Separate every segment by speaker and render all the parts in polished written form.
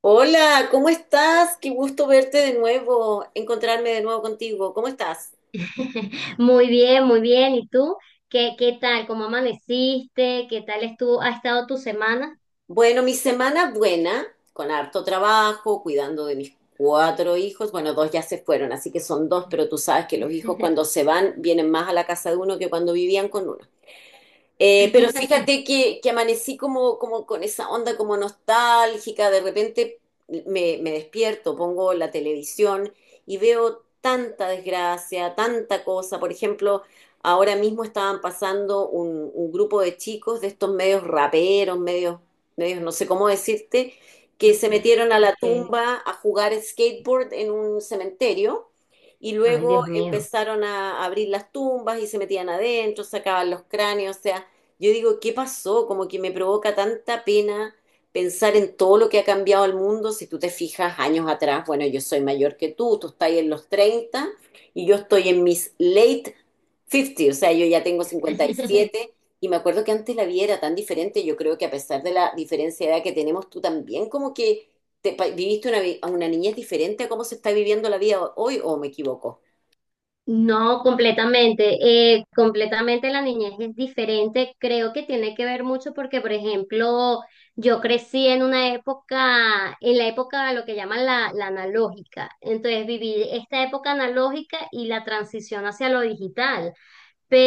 Speaker 1: Hola, ¿cómo estás? Qué gusto verte de nuevo, encontrarme de nuevo contigo. ¿Cómo estás?
Speaker 2: Muy bien, muy bien. ¿Y tú? ¿Qué tal? ¿Cómo amaneciste? ¿Ha estado tu semana?
Speaker 1: Bueno, mi semana buena, con harto trabajo, cuidando de mis cuatro hijos. Bueno, dos ya se fueron, así que son dos, pero tú sabes que los hijos cuando se van vienen más a la casa de uno que cuando vivían con uno. Pero fíjate que amanecí como, como con esa onda como nostálgica, de repente me despierto, pongo la televisión y veo tanta desgracia, tanta cosa. Por ejemplo, ahora mismo estaban pasando un grupo de chicos de estos medios raperos, medios no sé cómo decirte, que se metieron a la
Speaker 2: Ok.
Speaker 1: tumba a jugar skateboard en un cementerio. Y
Speaker 2: Ay,
Speaker 1: luego
Speaker 2: Dios mío.
Speaker 1: empezaron a abrir las tumbas y se metían adentro, sacaban los cráneos, o sea, yo digo, ¿qué pasó? Como que me provoca tanta pena pensar en todo lo que ha cambiado el mundo. Si tú te fijas años atrás, bueno, yo soy mayor que tú estás en los 30 y yo estoy en mis late 50, o sea, yo ya tengo 57 y siete y me acuerdo que antes la vida era tan diferente. Yo creo que a pesar de la diferencia de edad que tenemos, tú también como que viviste una niñez diferente a cómo se está viviendo la vida hoy, ¿o me equivoco?
Speaker 2: No, completamente. Completamente la niñez es diferente. Creo que tiene que ver mucho porque, por ejemplo, yo crecí en una época, en la época de lo que llaman la analógica. Entonces viví esta época analógica y la transición hacia lo digital.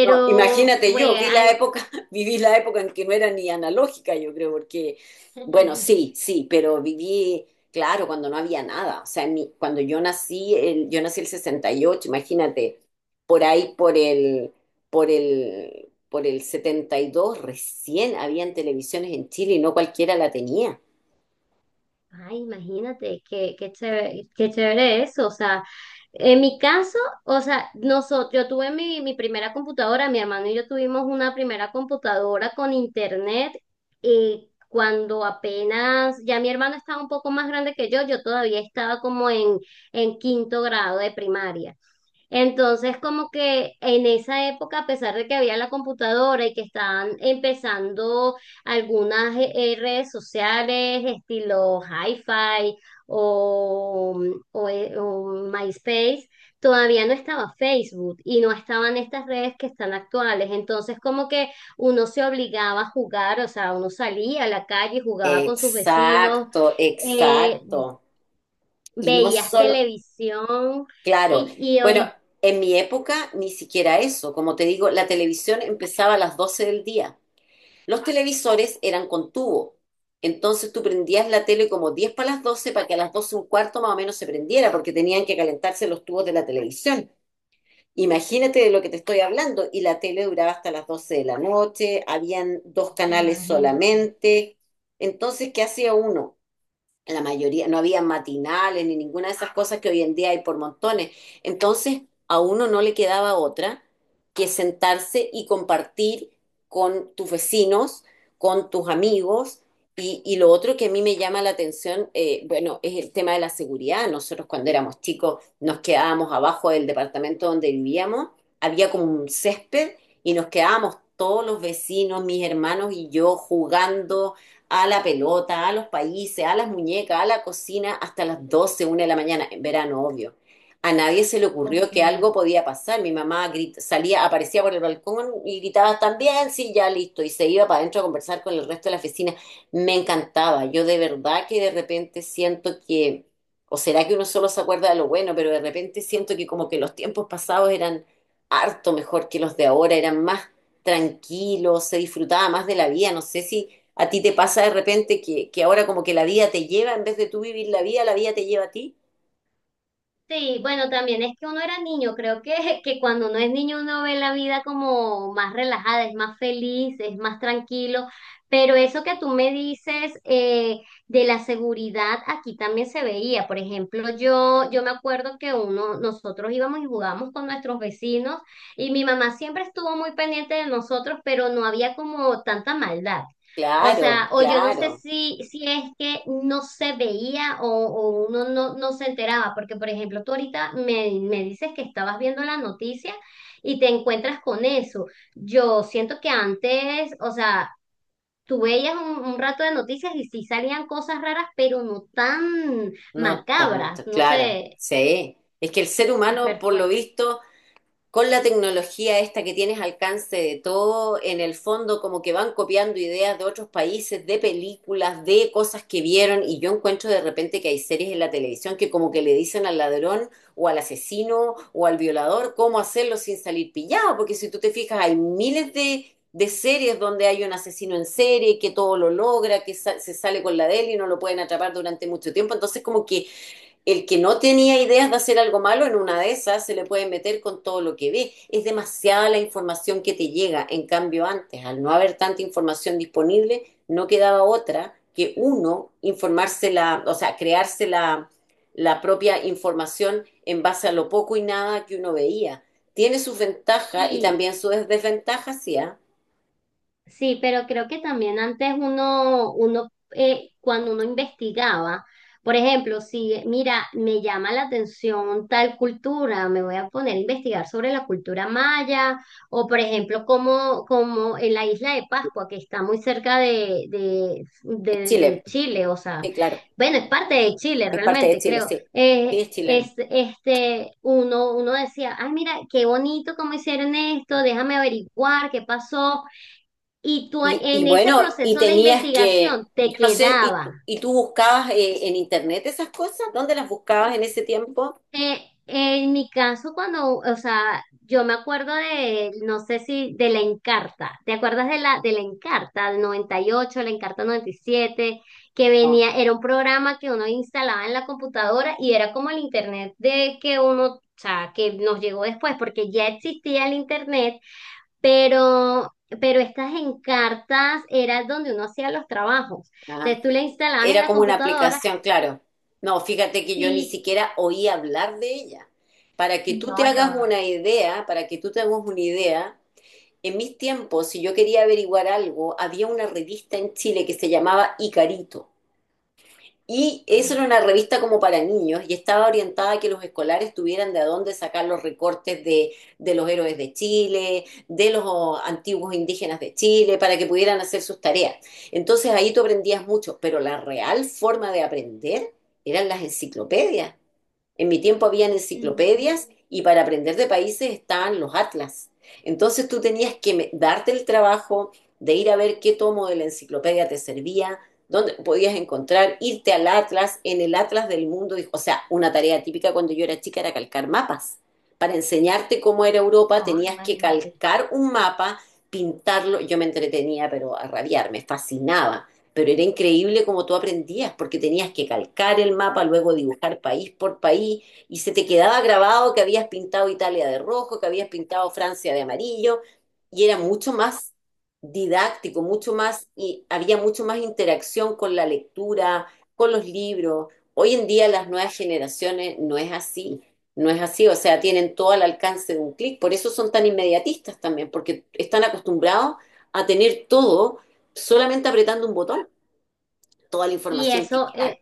Speaker 1: No, imagínate yo,
Speaker 2: fue,
Speaker 1: vi la época, viví la época en que no era ni analógica, yo creo, porque, bueno, sí, sí, pero viví, claro, cuando no había nada. O sea, cuando yo nací, yo nací el 68, imagínate, por ahí, por el 72 recién habían televisiones en Chile y no cualquiera la tenía.
Speaker 2: ay, imagínate, qué chévere eso. O sea, en mi caso, o sea, nosotros, yo tuve mi primera computadora, mi hermano y yo tuvimos una primera computadora con internet, y cuando apenas, ya mi hermano estaba un poco más grande que yo todavía estaba en quinto grado de primaria. Entonces, como que en esa época, a pesar de que había la computadora y que estaban empezando algunas redes sociales, estilo hi-fi o, o MySpace, todavía no estaba Facebook y no estaban estas redes que están actuales. Entonces, como que uno se obligaba a jugar, o sea, uno salía a la calle, jugaba con sus vecinos,
Speaker 1: Exacto,
Speaker 2: eh,
Speaker 1: exacto. Y no
Speaker 2: veías
Speaker 1: solo.
Speaker 2: televisión.
Speaker 1: Claro.
Speaker 2: Y,
Speaker 1: Bueno, en mi época ni siquiera eso. Como te digo, la televisión empezaba a las 12 del día. Los televisores eran con tubo. Entonces tú prendías la tele como 10 para las 12 para que a las 12 un cuarto más o menos se prendiera porque tenían que calentarse los tubos de la televisión. Imagínate de lo que te estoy hablando. Y la tele duraba hasta las 12 de la noche, habían dos canales
Speaker 2: imagínate.
Speaker 1: solamente. Entonces, ¿qué hacía uno? La mayoría, no había matinales ni ninguna de esas cosas que hoy en día hay por montones. Entonces, a uno no le quedaba otra que sentarse y compartir con tus vecinos, con tus amigos. Y lo otro que a mí me llama la atención, bueno, es el tema de la seguridad. Nosotros cuando éramos chicos nos quedábamos abajo del departamento donde vivíamos, había como un césped y nos quedábamos todos los vecinos, mis hermanos y yo jugando a la pelota, a los países, a las muñecas, a la cocina, hasta las doce, 1 de la mañana, en verano, obvio. A nadie se le ocurrió que algo
Speaker 2: Ok.
Speaker 1: podía pasar. Mi mamá salía, aparecía por el balcón y gritaba también, sí, ya listo, y se iba para adentro a conversar con el resto de la oficina. Me encantaba. Yo de verdad que de repente siento que, o será que uno solo se acuerda de lo bueno, pero de repente siento que como que los tiempos pasados eran harto mejor que los de ahora, eran más tranquilos, se disfrutaba más de la vida. No sé si. ¿A ti te pasa de repente que ahora como que la vida te lleva, en vez de tú vivir la vida te lleva a ti?
Speaker 2: Sí, bueno, también es que uno era niño, creo que, que cuando uno es niño uno ve la vida como más relajada, es más feliz, es más tranquilo, pero eso que tú me dices, de la seguridad aquí también se veía. Por ejemplo, yo me acuerdo que uno, nosotros íbamos y jugábamos con nuestros vecinos y mi mamá siempre estuvo muy pendiente de nosotros, pero no había como tanta maldad. O
Speaker 1: Claro,
Speaker 2: sea, o yo no sé
Speaker 1: claro,
Speaker 2: si, si es que no se veía, o uno no, no se enteraba, porque por ejemplo, tú ahorita me, me dices que estabas viendo la noticia y te encuentras con eso. Yo siento que antes, o sea, tú veías un rato de noticias y sí salían cosas raras, pero no tan
Speaker 1: no
Speaker 2: macabras,
Speaker 1: tanto,
Speaker 2: no
Speaker 1: claro,
Speaker 2: sé,
Speaker 1: sí. Es que el ser humano,
Speaker 2: súper
Speaker 1: por lo
Speaker 2: fuerte.
Speaker 1: visto, con la tecnología esta que tienes alcance de todo, en el fondo como que van copiando ideas de otros países, de películas, de cosas que vieron, y yo encuentro de repente que hay series en la televisión que como que le dicen al ladrón o al asesino o al violador cómo hacerlo sin salir pillado, porque si tú te fijas hay miles de series donde hay un asesino en serie que todo lo logra, que se sale con la de él y no lo pueden atrapar durante mucho tiempo, entonces como que el que no tenía ideas de hacer algo malo, en una de esas se le puede meter con todo lo que ve. Es demasiada la información que te llega. En cambio, antes, al no haber tanta información disponible, no quedaba otra que uno informársela, o sea, crearse la propia información en base a lo poco y nada que uno veía. Tiene sus ventajas y también sus desventajas, sí, ¿ah?
Speaker 2: Sí, pero creo que también antes uno, uno, cuando uno investigaba, por ejemplo, si mira, me llama la atención tal cultura, me voy a poner a investigar sobre la cultura maya, o por ejemplo, como, como en la isla de Pascua, que está muy cerca
Speaker 1: Es
Speaker 2: de
Speaker 1: Chile,
Speaker 2: Chile, o sea,
Speaker 1: sí, claro.
Speaker 2: bueno, es parte de Chile
Speaker 1: Es parte de
Speaker 2: realmente,
Speaker 1: Chile,
Speaker 2: creo.
Speaker 1: sí. Sí, es chileno.
Speaker 2: Es, este, uno, uno decía, ay, mira, qué bonito cómo hicieron esto, déjame averiguar qué pasó. Y tú
Speaker 1: Y
Speaker 2: en ese
Speaker 1: bueno, y
Speaker 2: proceso de
Speaker 1: tenías que,
Speaker 2: investigación te
Speaker 1: yo no sé. ¿y,
Speaker 2: quedaba.
Speaker 1: tú- y tú buscabas en internet esas cosas? ¿Dónde las buscabas en ese tiempo?
Speaker 2: Eh, en mi caso, cuando, o sea, yo me acuerdo de, no sé si, de la Encarta. ¿Te acuerdas de la Encarta del 98, la Encarta 97, que
Speaker 1: No.
Speaker 2: venía, era un programa que uno instalaba en la computadora y era como el internet de que uno, o sea, que nos llegó después, porque ya existía el internet, pero, pero estas encartas era donde uno hacía los trabajos.
Speaker 1: Ah,
Speaker 2: Entonces tú le instalabas en
Speaker 1: era
Speaker 2: la
Speaker 1: como una
Speaker 2: computadora
Speaker 1: aplicación, claro. No, fíjate que yo ni
Speaker 2: y
Speaker 1: siquiera oí hablar de ella. Para que tú te
Speaker 2: no, yo,
Speaker 1: hagas una idea, para que tú te hagas una idea, en mis tiempos, si yo quería averiguar algo, había una revista en Chile que se llamaba Icarito. Y eso era una revista como para niños y estaba orientada a que los escolares tuvieran de a dónde sacar los recortes de los héroes de Chile, de los antiguos indígenas de Chile, para que pudieran hacer sus tareas. Entonces ahí tú aprendías mucho, pero la real forma de aprender eran las enciclopedias. En mi tiempo había
Speaker 2: ujú,
Speaker 1: enciclopedias y para aprender de países estaban los atlas. Entonces tú tenías que darte el trabajo de ir a ver qué tomo de la enciclopedia te servía, dónde podías encontrar, irte al atlas, en el atlas del mundo. O sea, una tarea típica cuando yo era chica era calcar mapas. Para enseñarte cómo era Europa
Speaker 2: no,
Speaker 1: tenías que
Speaker 2: imagínate.
Speaker 1: calcar un mapa, pintarlo. Yo me entretenía, pero a rabiar, me fascinaba. Pero era increíble como tú aprendías, porque tenías que calcar el mapa, luego dibujar país por país, y se te quedaba grabado que habías pintado Italia de rojo, que habías pintado Francia de amarillo, y era mucho más didáctico, mucho más, y había mucho más interacción con la lectura, con los libros. Hoy en día las nuevas generaciones no es así, no es así, o sea, tienen todo al alcance de un clic, por eso son tan inmediatistas también, porque están acostumbrados a tener todo solamente apretando un botón toda la
Speaker 2: Y
Speaker 1: información que.
Speaker 2: eso,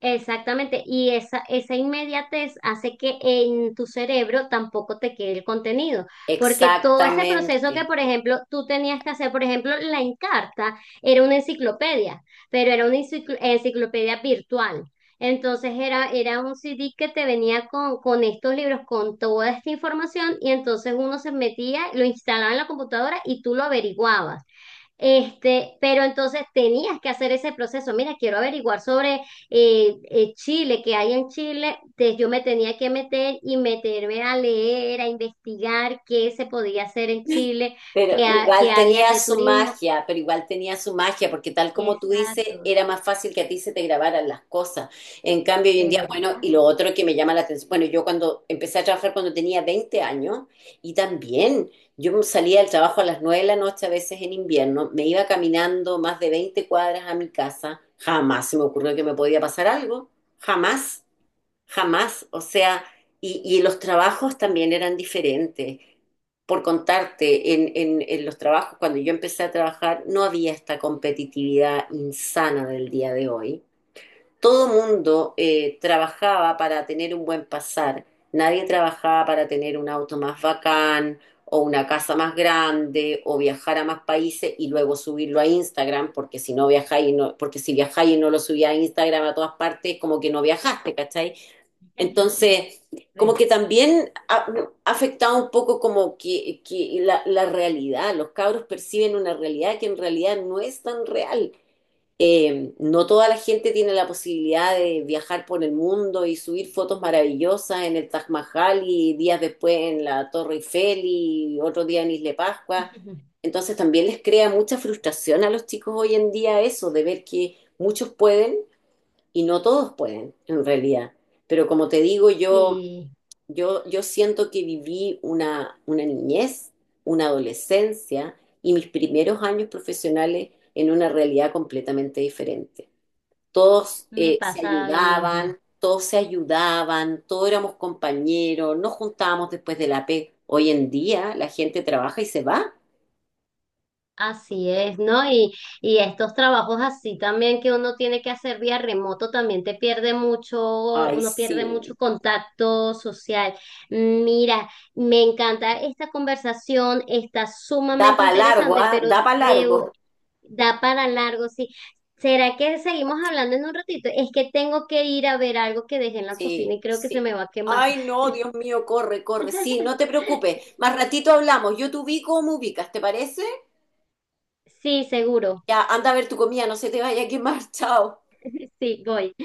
Speaker 2: exactamente, y esa inmediatez hace que en tu cerebro tampoco te quede el contenido, porque todo ese proceso que,
Speaker 1: Exactamente.
Speaker 2: por ejemplo, tú tenías que hacer, por ejemplo, la Encarta era una enciclopedia, pero era una enciclopedia virtual. Entonces era, era un CD que te venía con estos libros, con toda esta información, y entonces uno se metía, lo instalaba en la computadora y tú lo averiguabas. Este, pero entonces tenías que hacer ese proceso. Mira, quiero averiguar sobre Chile, qué hay en Chile. Entonces yo me tenía que meter y meterme a leer, a investigar qué se podía hacer en Chile,
Speaker 1: Pero
Speaker 2: qué
Speaker 1: igual
Speaker 2: había
Speaker 1: tenía
Speaker 2: de
Speaker 1: su
Speaker 2: turismo.
Speaker 1: magia, pero igual tenía su magia, porque tal como tú dices,
Speaker 2: Exacto,
Speaker 1: era más fácil que a ti se te grabaran las cosas. En cambio, hoy en día,
Speaker 2: pero
Speaker 1: bueno,
Speaker 2: ahorita
Speaker 1: y lo
Speaker 2: no.
Speaker 1: otro que me llama la atención, bueno, yo cuando empecé a trabajar cuando tenía 20 años, y también yo salía del trabajo a las 9 de la noche, a veces en invierno, me iba caminando más de 20 cuadras a mi casa, jamás se me ocurrió que me podía pasar algo, jamás. Jamás, o sea, y los trabajos también eran diferentes. Por contarte, en los trabajos, cuando yo empecé a trabajar, no había esta competitividad insana del día de hoy. Todo mundo trabajaba para tener un buen pasar. Nadie trabajaba para tener un auto más bacán o una casa más grande o viajar a más países y luego subirlo a Instagram, porque si no viajáis, y no, porque si viajáis y no lo subía a Instagram a todas partes, como que no viajaste, ¿cachai? Entonces, como
Speaker 2: Sí.
Speaker 1: que también ha afectado un poco como que la realidad, los cabros perciben una realidad que en realidad no es tan real. No toda la gente tiene la posibilidad de viajar por el mundo y subir fotos maravillosas en el Taj Mahal y días después en la Torre Eiffel y otro día en Isla Pascua. Entonces también les crea mucha frustración a los chicos hoy en día eso, de ver que muchos pueden y no todos pueden, en realidad. Pero como te digo, yo,
Speaker 2: Sí,
Speaker 1: yo, yo siento que viví una niñez, una adolescencia y mis primeros años profesionales en una realidad completamente diferente. Todos
Speaker 2: me
Speaker 1: se
Speaker 2: pasa lo mismo.
Speaker 1: ayudaban, todos se ayudaban, todos éramos compañeros, nos juntábamos después de la P. Hoy en día la gente trabaja y se va.
Speaker 2: Así es, ¿no? Y estos trabajos así también que uno tiene que hacer vía remoto también te pierde mucho,
Speaker 1: Ay,
Speaker 2: uno pierde mucho
Speaker 1: sí.
Speaker 2: contacto social. Mira, me encanta esta conversación, está
Speaker 1: Da
Speaker 2: sumamente
Speaker 1: para largo,
Speaker 2: interesante,
Speaker 1: ¿ah?
Speaker 2: pero
Speaker 1: Da para largo.
Speaker 2: debo, da para largo, sí. ¿Será que seguimos hablando en un ratito? Es que tengo que ir a ver algo que dejé en la cocina
Speaker 1: Sí,
Speaker 2: y creo que se
Speaker 1: sí.
Speaker 2: me va a quemar.
Speaker 1: Ay, no, Dios mío, corre, corre. Sí, no te preocupes. Más ratito hablamos. Yo te ubico o me ubicas, ¿te parece?
Speaker 2: Sí, seguro.
Speaker 1: Ya, anda a ver tu comida, no se te vaya a quemar. Chao.
Speaker 2: Sí, voy.